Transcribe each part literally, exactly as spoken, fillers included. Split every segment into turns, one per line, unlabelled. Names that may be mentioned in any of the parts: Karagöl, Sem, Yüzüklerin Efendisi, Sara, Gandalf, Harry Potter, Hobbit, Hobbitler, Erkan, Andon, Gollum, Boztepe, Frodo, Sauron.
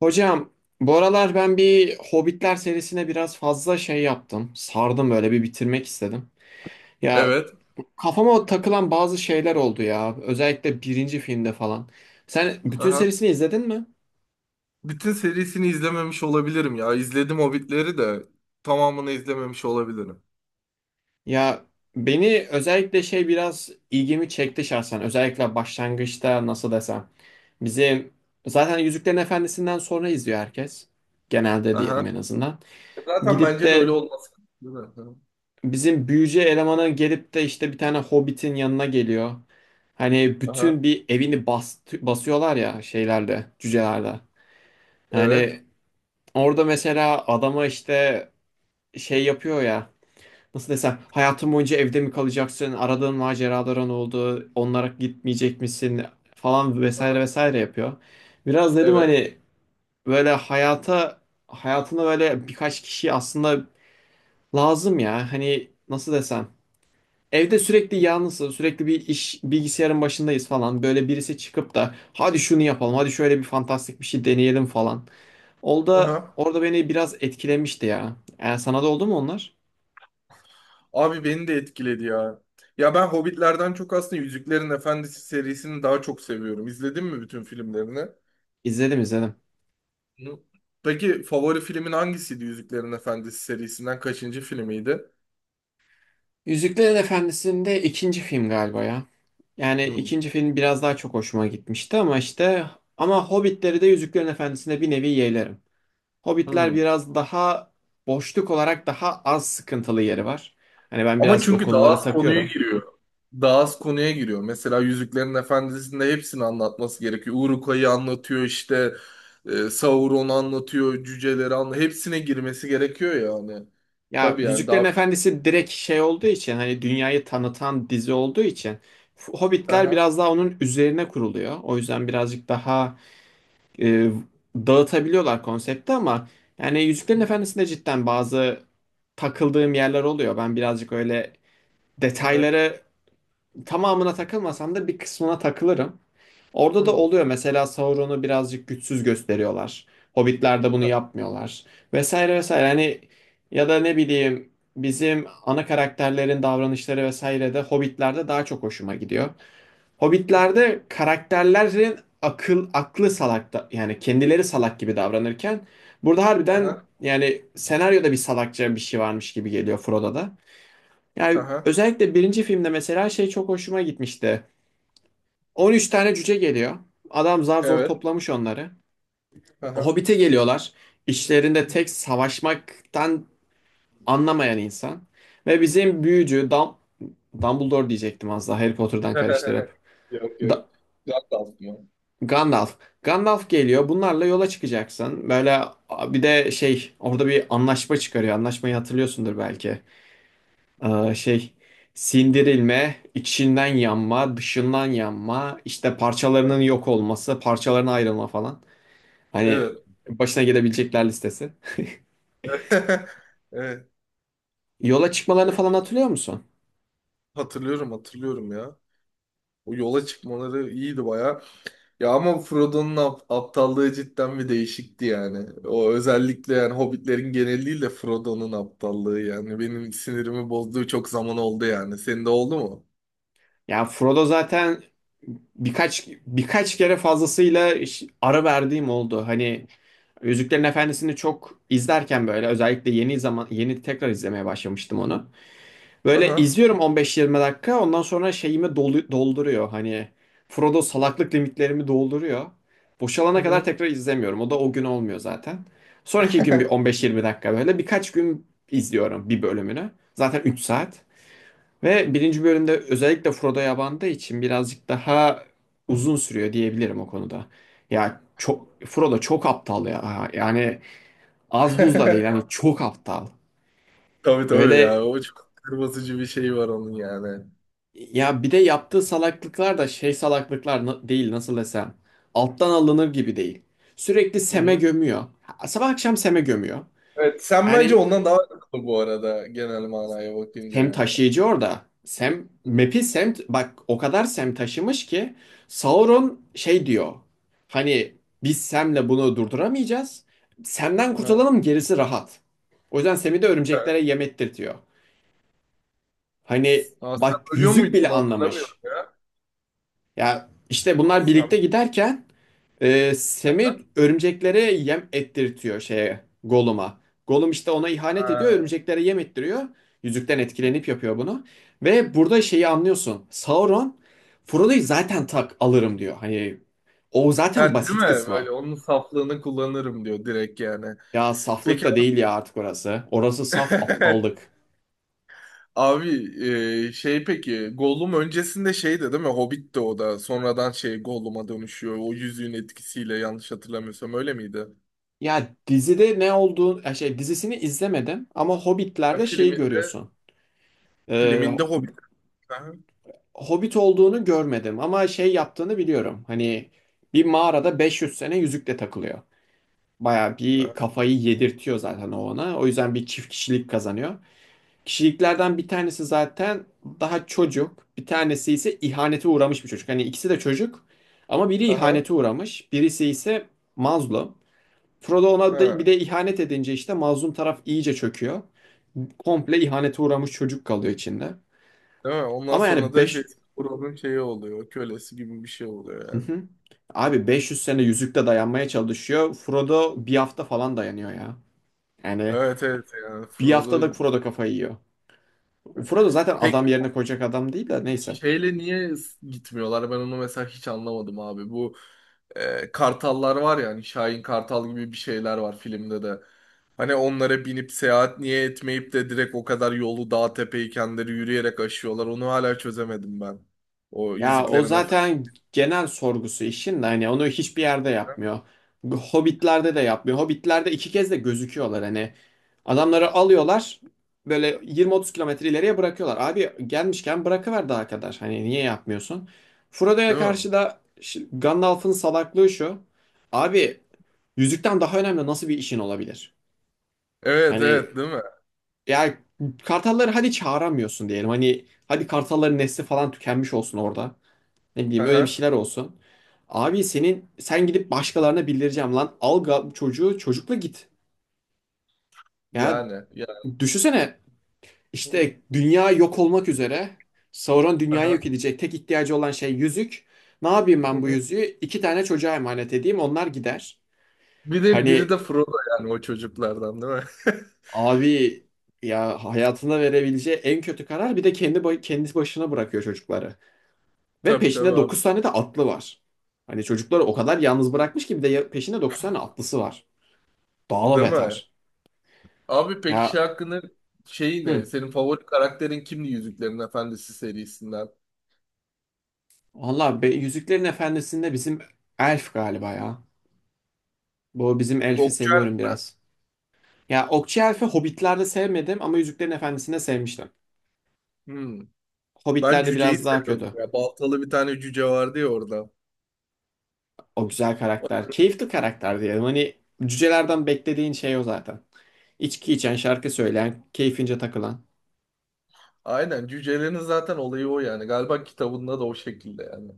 Hocam, bu aralar ben bir Hobbitler serisine biraz fazla şey yaptım. Sardım, böyle bir bitirmek istedim. Ya,
Evet.
kafama takılan bazı şeyler oldu ya. Özellikle birinci filmde falan. Sen bütün
Aha.
serisini izledin mi?
Bütün serisini izlememiş olabilirim ya. İzledim Hobbit'leri de tamamını izlememiş olabilirim.
Ya, beni özellikle şey, biraz ilgimi çekti şahsen. Özellikle başlangıçta nasıl desem. Bizim zaten Yüzüklerin Efendisi'nden sonra izliyor herkes. Genelde diyelim,
Aha.
en azından.
Zaten
Gidip
bence de
de
öyle olması. Değil mi? Aha.
bizim büyücü elemanı gelip de işte bir tane hobbitin yanına geliyor. Hani
Aha.
bütün bir evini bas, basıyorlar ya şeylerde, cücelerde.
Evet.
Yani orada mesela adama işte şey yapıyor ya. Nasıl desem, hayatın boyunca evde mi kalacaksın? Aradığın maceraların oldu. Onlara gitmeyecek misin? Falan
Aha.
vesaire vesaire yapıyor. Biraz dedim,
Evet.
hani böyle hayata hayatına böyle birkaç kişi aslında lazım ya. Hani nasıl desem, evde sürekli yalnızız, sürekli bir iş bilgisayarın başındayız falan. Böyle birisi çıkıp da hadi şunu yapalım, hadi şöyle bir fantastik bir şey deneyelim falan. Orada
Aha.
orada beni biraz etkilemişti ya. Yani sana da oldu mu onlar?
Abi beni de etkiledi ya. Ya ben Hobbit'lerden çok aslında Yüzüklerin Efendisi serisini daha çok seviyorum. İzledin mi bütün filmlerini?
İzledim, izledim.
Hı. Peki favori filmin hangisiydi Yüzüklerin Efendisi serisinden? Kaçıncı filmiydi?
Yüzüklerin Efendisi'nde ikinci film galiba ya. Yani
Hı.
ikinci film biraz daha çok hoşuma gitmişti ama işte, ama Hobbitleri de Yüzüklerin Efendisi'nde bir nevi yeğlerim. Hobbitler
Hı.
biraz daha boşluk olarak daha az sıkıntılı yeri var. Hani ben
Ama
birazcık o
çünkü daha
konuları
az konuya
takıyorum.
giriyor. Daha az konuya giriyor. Mesela Yüzüklerin Efendisi'nde hepsini anlatması gerekiyor. Urukayı anlatıyor işte. e, Sauron'u anlatıyor. Cüceleri anlatıyor. Hepsine girmesi gerekiyor yani.
Ya,
Tabii yani
Yüzüklerin
daha.
Efendisi direkt şey olduğu için, hani dünyayı tanıtan dizi olduğu için Hobbitler
Aha.
biraz daha onun üzerine kuruluyor. O yüzden birazcık daha e, dağıtabiliyorlar konsepti ama yani Yüzüklerin
Hı.
Efendisi'nde cidden bazı takıldığım yerler oluyor. Ben birazcık öyle
Aha.
detayları, tamamına takılmasam da bir kısmına takılırım. Orada da
Hı.
oluyor. Mesela Sauron'u birazcık güçsüz gösteriyorlar. Hobbitler'de bunu
Aha.
yapmıyorlar. Vesaire vesaire. Hani ya da ne bileyim, bizim ana karakterlerin davranışları vesaire de Hobbitler'de daha çok hoşuma gidiyor. Hobbitler'de karakterlerin akıl aklı salak da, yani kendileri salak gibi davranırken, burada harbiden
Aha.
yani senaryoda bir salakça bir şey varmış gibi geliyor Frodo'da. Yani
Aha.
özellikle birinci filmde mesela şey çok hoşuma gitmişti. on üç tane cüce geliyor. Adam zar zor
Evet.
toplamış onları.
Aha.
Hobbit'e geliyorlar. İşlerinde tek savaşmaktan anlamayan insan. Ve bizim büyücü Dam Dumbledore diyecektim az daha, Harry Potter'dan karıştırıp.
Yok yok.
Da-
Güzel de aslında.
Gandalf. Gandalf geliyor. Bunlarla yola çıkacaksın. Böyle bir de şey orada bir anlaşma çıkarıyor. Anlaşmayı hatırlıyorsundur belki. Ee, şey sindirilme, içinden yanma, dışından yanma, işte parçalarının yok olması, parçalarına ayrılma falan. Hani
Evet.
başına gelebilecekler listesi.
Evet.
Yola çıkmalarını falan hatırlıyor musun?
Hatırlıyorum hatırlıyorum ya. O yola çıkmaları iyiydi baya. Ya ama Frodo'nun ap- aptallığı cidden bir değişikti yani. O özellikle yani Hobbitlerin geneliyle Frodo'nun aptallığı yani benim sinirimi bozduğu çok zaman oldu yani. Senin de oldu mu?
Ya, Frodo zaten birkaç birkaç kere fazlasıyla iş- ara verdiğim oldu. Hani Yüzüklerin Efendisi'ni çok izlerken, böyle özellikle yeni zaman yeni tekrar izlemeye başlamıştım onu. Böyle
Aha.
izliyorum on beş yirmi dakika. Ondan sonra şeyimi dolu- dolduruyor. Hani Frodo salaklık limitlerimi dolduruyor.
Hı
Boşalana kadar
hı.
tekrar izlemiyorum. O da o gün olmuyor zaten. Sonraki gün bir on beş yirmi dakika böyle. Birkaç gün izliyorum bir bölümünü. Zaten üç saat. Ve birinci bölümde özellikle Frodo'ya bandığı için birazcık daha uzun sürüyor diyebilirim o konuda. Ya çok, Frodo çok aptal ya. Yani az buz da değil. Hani çok aptal.
Tabii tabii
Böyle,
ya, o çok kırmızıcı bir şey var onun yani.
ya bir de yaptığı salaklıklar da şey salaklıklar, na- değil, nasıl desem. Alttan alınır gibi değil. Sürekli
Hı
Sem'e
hı.
gömüyor. Ha- Sabah akşam Sem'e gömüyor.
Evet, sen
Yani
bence ondan
e,
daha akıllı bu arada genel manaya bakınca
Sem
yani.
taşıyıcı orada. Sem,
Hı hı.
map'i Sem, bak o kadar Sem taşımış ki Sauron şey diyor. Hani biz Sem'le bunu durduramayacağız. Sem'den
Aha.
kurtulalım, gerisi rahat. O yüzden Sem'i de
Evet.
örümceklere yem ettirtiyor. Hani
Aa, sen
bak,
ölüyor
yüzük
muydun,
bile
onu hatırlamıyorum
anlamış.
ya.
Ya işte bunlar birlikte
Sen,
giderken Ee, Semih örümceklere yem ettirtiyor, şeye Gollum'a. Gollum işte ona ihanet ediyor,
ha.
örümceklere yem ettiriyor. Yüzükten etkilenip yapıyor bunu. Ve burada şeyi anlıyorsun. Sauron Frodo'yu zaten tak alırım diyor. Hani o zaten
Yani değil mi?
basit kısmı.
Böyle onun saflığını kullanırım diyor direkt yani.
Ya saflık
Peki,
da değil ya artık orası. Orası saf aptallık.
abi, e, şey, peki Gollum öncesinde şeydi değil mi? Hobbit'ti o, da sonradan şey Gollum'a dönüşüyor. O yüzüğün etkisiyle yanlış hatırlamıyorsam öyle miydi?
Ya dizide ne olduğunu, ya şey dizisini izlemedim ama
Ha,
Hobbit'lerde şeyi
filminde
görüyorsun. Ee,
filminde Hobbit. Aha.
Hobbit olduğunu görmedim ama şey yaptığını biliyorum. Hani bir mağarada beş yüz sene yüzükle takılıyor. Baya bir
Aha.
kafayı yedirtiyor zaten o ona. O yüzden bir çift kişilik kazanıyor. Kişiliklerden bir tanesi zaten daha çocuk. Bir tanesi ise ihanete uğramış bir çocuk. Hani ikisi de çocuk ama biri
Aha.
ihanete uğramış. Birisi ise mazlum. Frodo ona da
Ha.
bir de ihanet edince, işte mazlum taraf iyice çöküyor. Komple ihanete uğramış çocuk kalıyor içinde.
Değil mi? Ondan
Ama
sonra
yani
da şey
beş.
Frodo'nun şeyi oluyor. Kölesi gibi bir şey oluyor
Hı
yani.
hı. Abi beş yüz sene yüzükte dayanmaya çalışıyor. Frodo bir hafta falan dayanıyor ya. Yani
Evet evet yani
bir
Frodo.
haftada Frodo kafayı yiyor. Frodo zaten
Peki
adam yerine koyacak adam değil de, neyse.
şeyle niye s- gitmiyorlar? Ben onu mesela hiç anlamadım abi. Bu e, kartallar var ya, hani Şahin Kartal gibi bir şeyler var filmde de. Hani onlara binip seyahat niye etmeyip de direkt o kadar yolu dağ tepeyi kendileri yürüyerek aşıyorlar? Onu hala çözemedim ben. O
Ya o
Yüzüklerin Efendisi.
zaten genel sorgusu işin de, hani onu hiçbir yerde yapmıyor. Hobbitlerde de yapmıyor. Hobbitlerde iki kez de gözüküyorlar hani. Adamları alıyorlar, böyle yirmi otuz kilometre ileriye bırakıyorlar. Abi gelmişken bırakıver daha kadar. Hani niye yapmıyorsun? Frodo'ya
Değil mi?
karşı da şi- Gandalf'ın salaklığı şu. Abi, yüzükten daha önemli nasıl bir işin olabilir?
Evet evet
Hani
değil mi?
ya, kartalları hadi çağıramıyorsun diyelim. Hani hadi kartalların nesli falan tükenmiş olsun orada. Ne bileyim, öyle bir
Aha.
şeyler olsun. Abi senin, sen gidip başkalarına bildireceğim lan. Al ga- bu çocuğu çocukla git. Ya
Yani.
düşünsene,
Yani.
işte dünya yok olmak üzere. Sauron dünyayı
Aha.
yok edecek. Tek ihtiyacı olan şey yüzük. Ne yapayım ben bu yüzüğü? İki tane çocuğa emanet edeyim, onlar gider.
Biri, biri
Hani
de Frodo yani o çocuklardan değil mi?
abi, ya hayatına verebileceği en kötü karar, bir de kendi ba- kendisi başına bırakıyor çocukları. Ve
Tabii tabii
peşinde
abi.
dokuz tane de atlı var. Hani çocukları o kadar yalnız bırakmış ki bir de ya- peşinde dokuz tane atlısı var. Daha
Değil mi?
beter.
Abi peki şey
Ya,
hakkında şeyi ne?
hı.
Senin favori karakterin kimdi Yüzüklerin Efendisi serisinden?
Valla be, Yüzüklerin Efendisi'nde bizim elf galiba ya. Bu bizim elfi
Okçu.
seviyorum biraz. Ya Okçu Elf'i Hobbit'lerde sevmedim ama Yüzüklerin Efendisi'nde sevmiştim.
Hmm. Ben
Hobbit'lerde
cüceyi
biraz daha
seviyordum
kötü.
ya. Baltalı bir tane cüce vardı ya orada.
O güzel karakter. Keyifli karakter diyelim. Hani cücelerden beklediğin şey o zaten. İçki içen, şarkı söyleyen, keyfince takılan.
Aynen, cücelerin zaten olayı o yani. Galiba kitabında da o şekilde yani.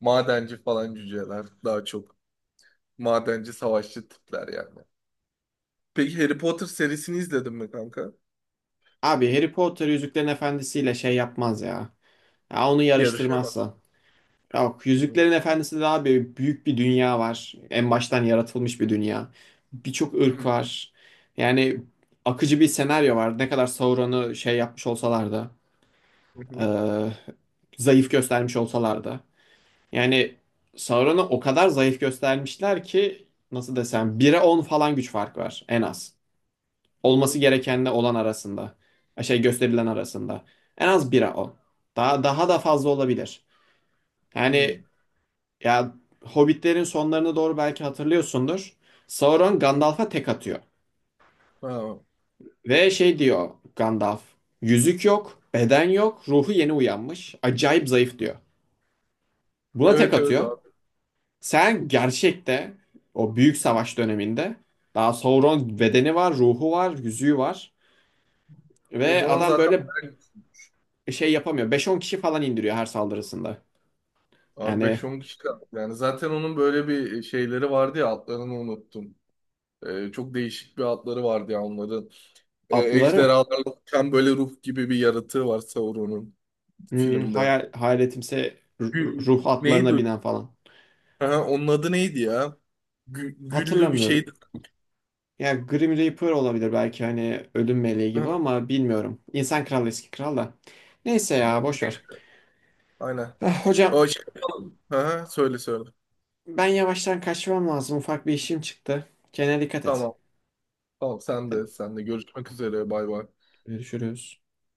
Madenci falan cüceler daha çok. Madenci savaşçı tipler yani. Peki Harry Potter serisini izledin mi kanka?
Abi, Harry Potter Yüzüklerin Efendisi'yle şey yapmaz ya. Ya onu
Yarışamaz.
yarıştırmazsa. Ya bak,
Hı hı.
Yüzüklerin Efendisi'nde daha bir büyük bir dünya var. En baştan yaratılmış bir dünya. Birçok ırk
Hı
var. Yani akıcı bir senaryo var. Ne kadar Sauron'u şey yapmış olsalar da,
hı.
e, zayıf göstermiş olsalar da. Yani Sauron'u o kadar zayıf göstermişler ki nasıl desem bire on falan güç fark var en az.
Hı
Olması
hı.
gerekenle olan arasında. Şey, gösterilen arasında. En az bire on. Daha daha da fazla olabilir.
Hı
Yani ya, Hobbitlerin sonlarına doğru belki hatırlıyorsundur. Sauron
hı.
Gandalf'a tek atıyor.
Ha.
Ve şey diyor Gandalf. Yüzük yok, beden yok, ruhu yeni uyanmış. Acayip zayıf diyor. Buna tek
Evet evet
atıyor.
abi.
Sen gerçekte o büyük savaş döneminde, daha Sauron bedeni var, ruhu var, yüzüğü var.
O
Ve
zaman
adam
zaten
böyle
bayağı
şey yapamıyor. Beş on kişi falan indiriyor her saldırısında.
abi
Yani
beş on kişi kaldı. Yani zaten onun böyle bir e, şeyleri vardı ya, adlarını unuttum. Ee, çok değişik bir adları vardı ya onların. Ee,
atlıları,
ejderhalarla uçan böyle ruh gibi bir yaratığı var Sauron'un
hmm,
filmde.
hayal, hayaletimse, ru-
Gü-
ruh atlarına
neydi?
binen falan.
Ha, onun adı neydi ya? Gü- güllü bir
Hatırlamıyorum.
şeydi.
Yani Grim Reaper olabilir belki, hani ölüm meleği gibi
Ha,
ama bilmiyorum. İnsan kralı eski kral da. Neyse ya,
ha, ne?
boş ver.
Aynen.
Ah, hocam,
O şey, yapalım. Ha, söyle söyle.
ben yavaştan kaçmam lazım. Ufak bir işim çıktı. Kendine dikkat et.
Tamam. Tamam, sen
Hadi,
de sen de görüşmek üzere, bay bay.
görüşürüz.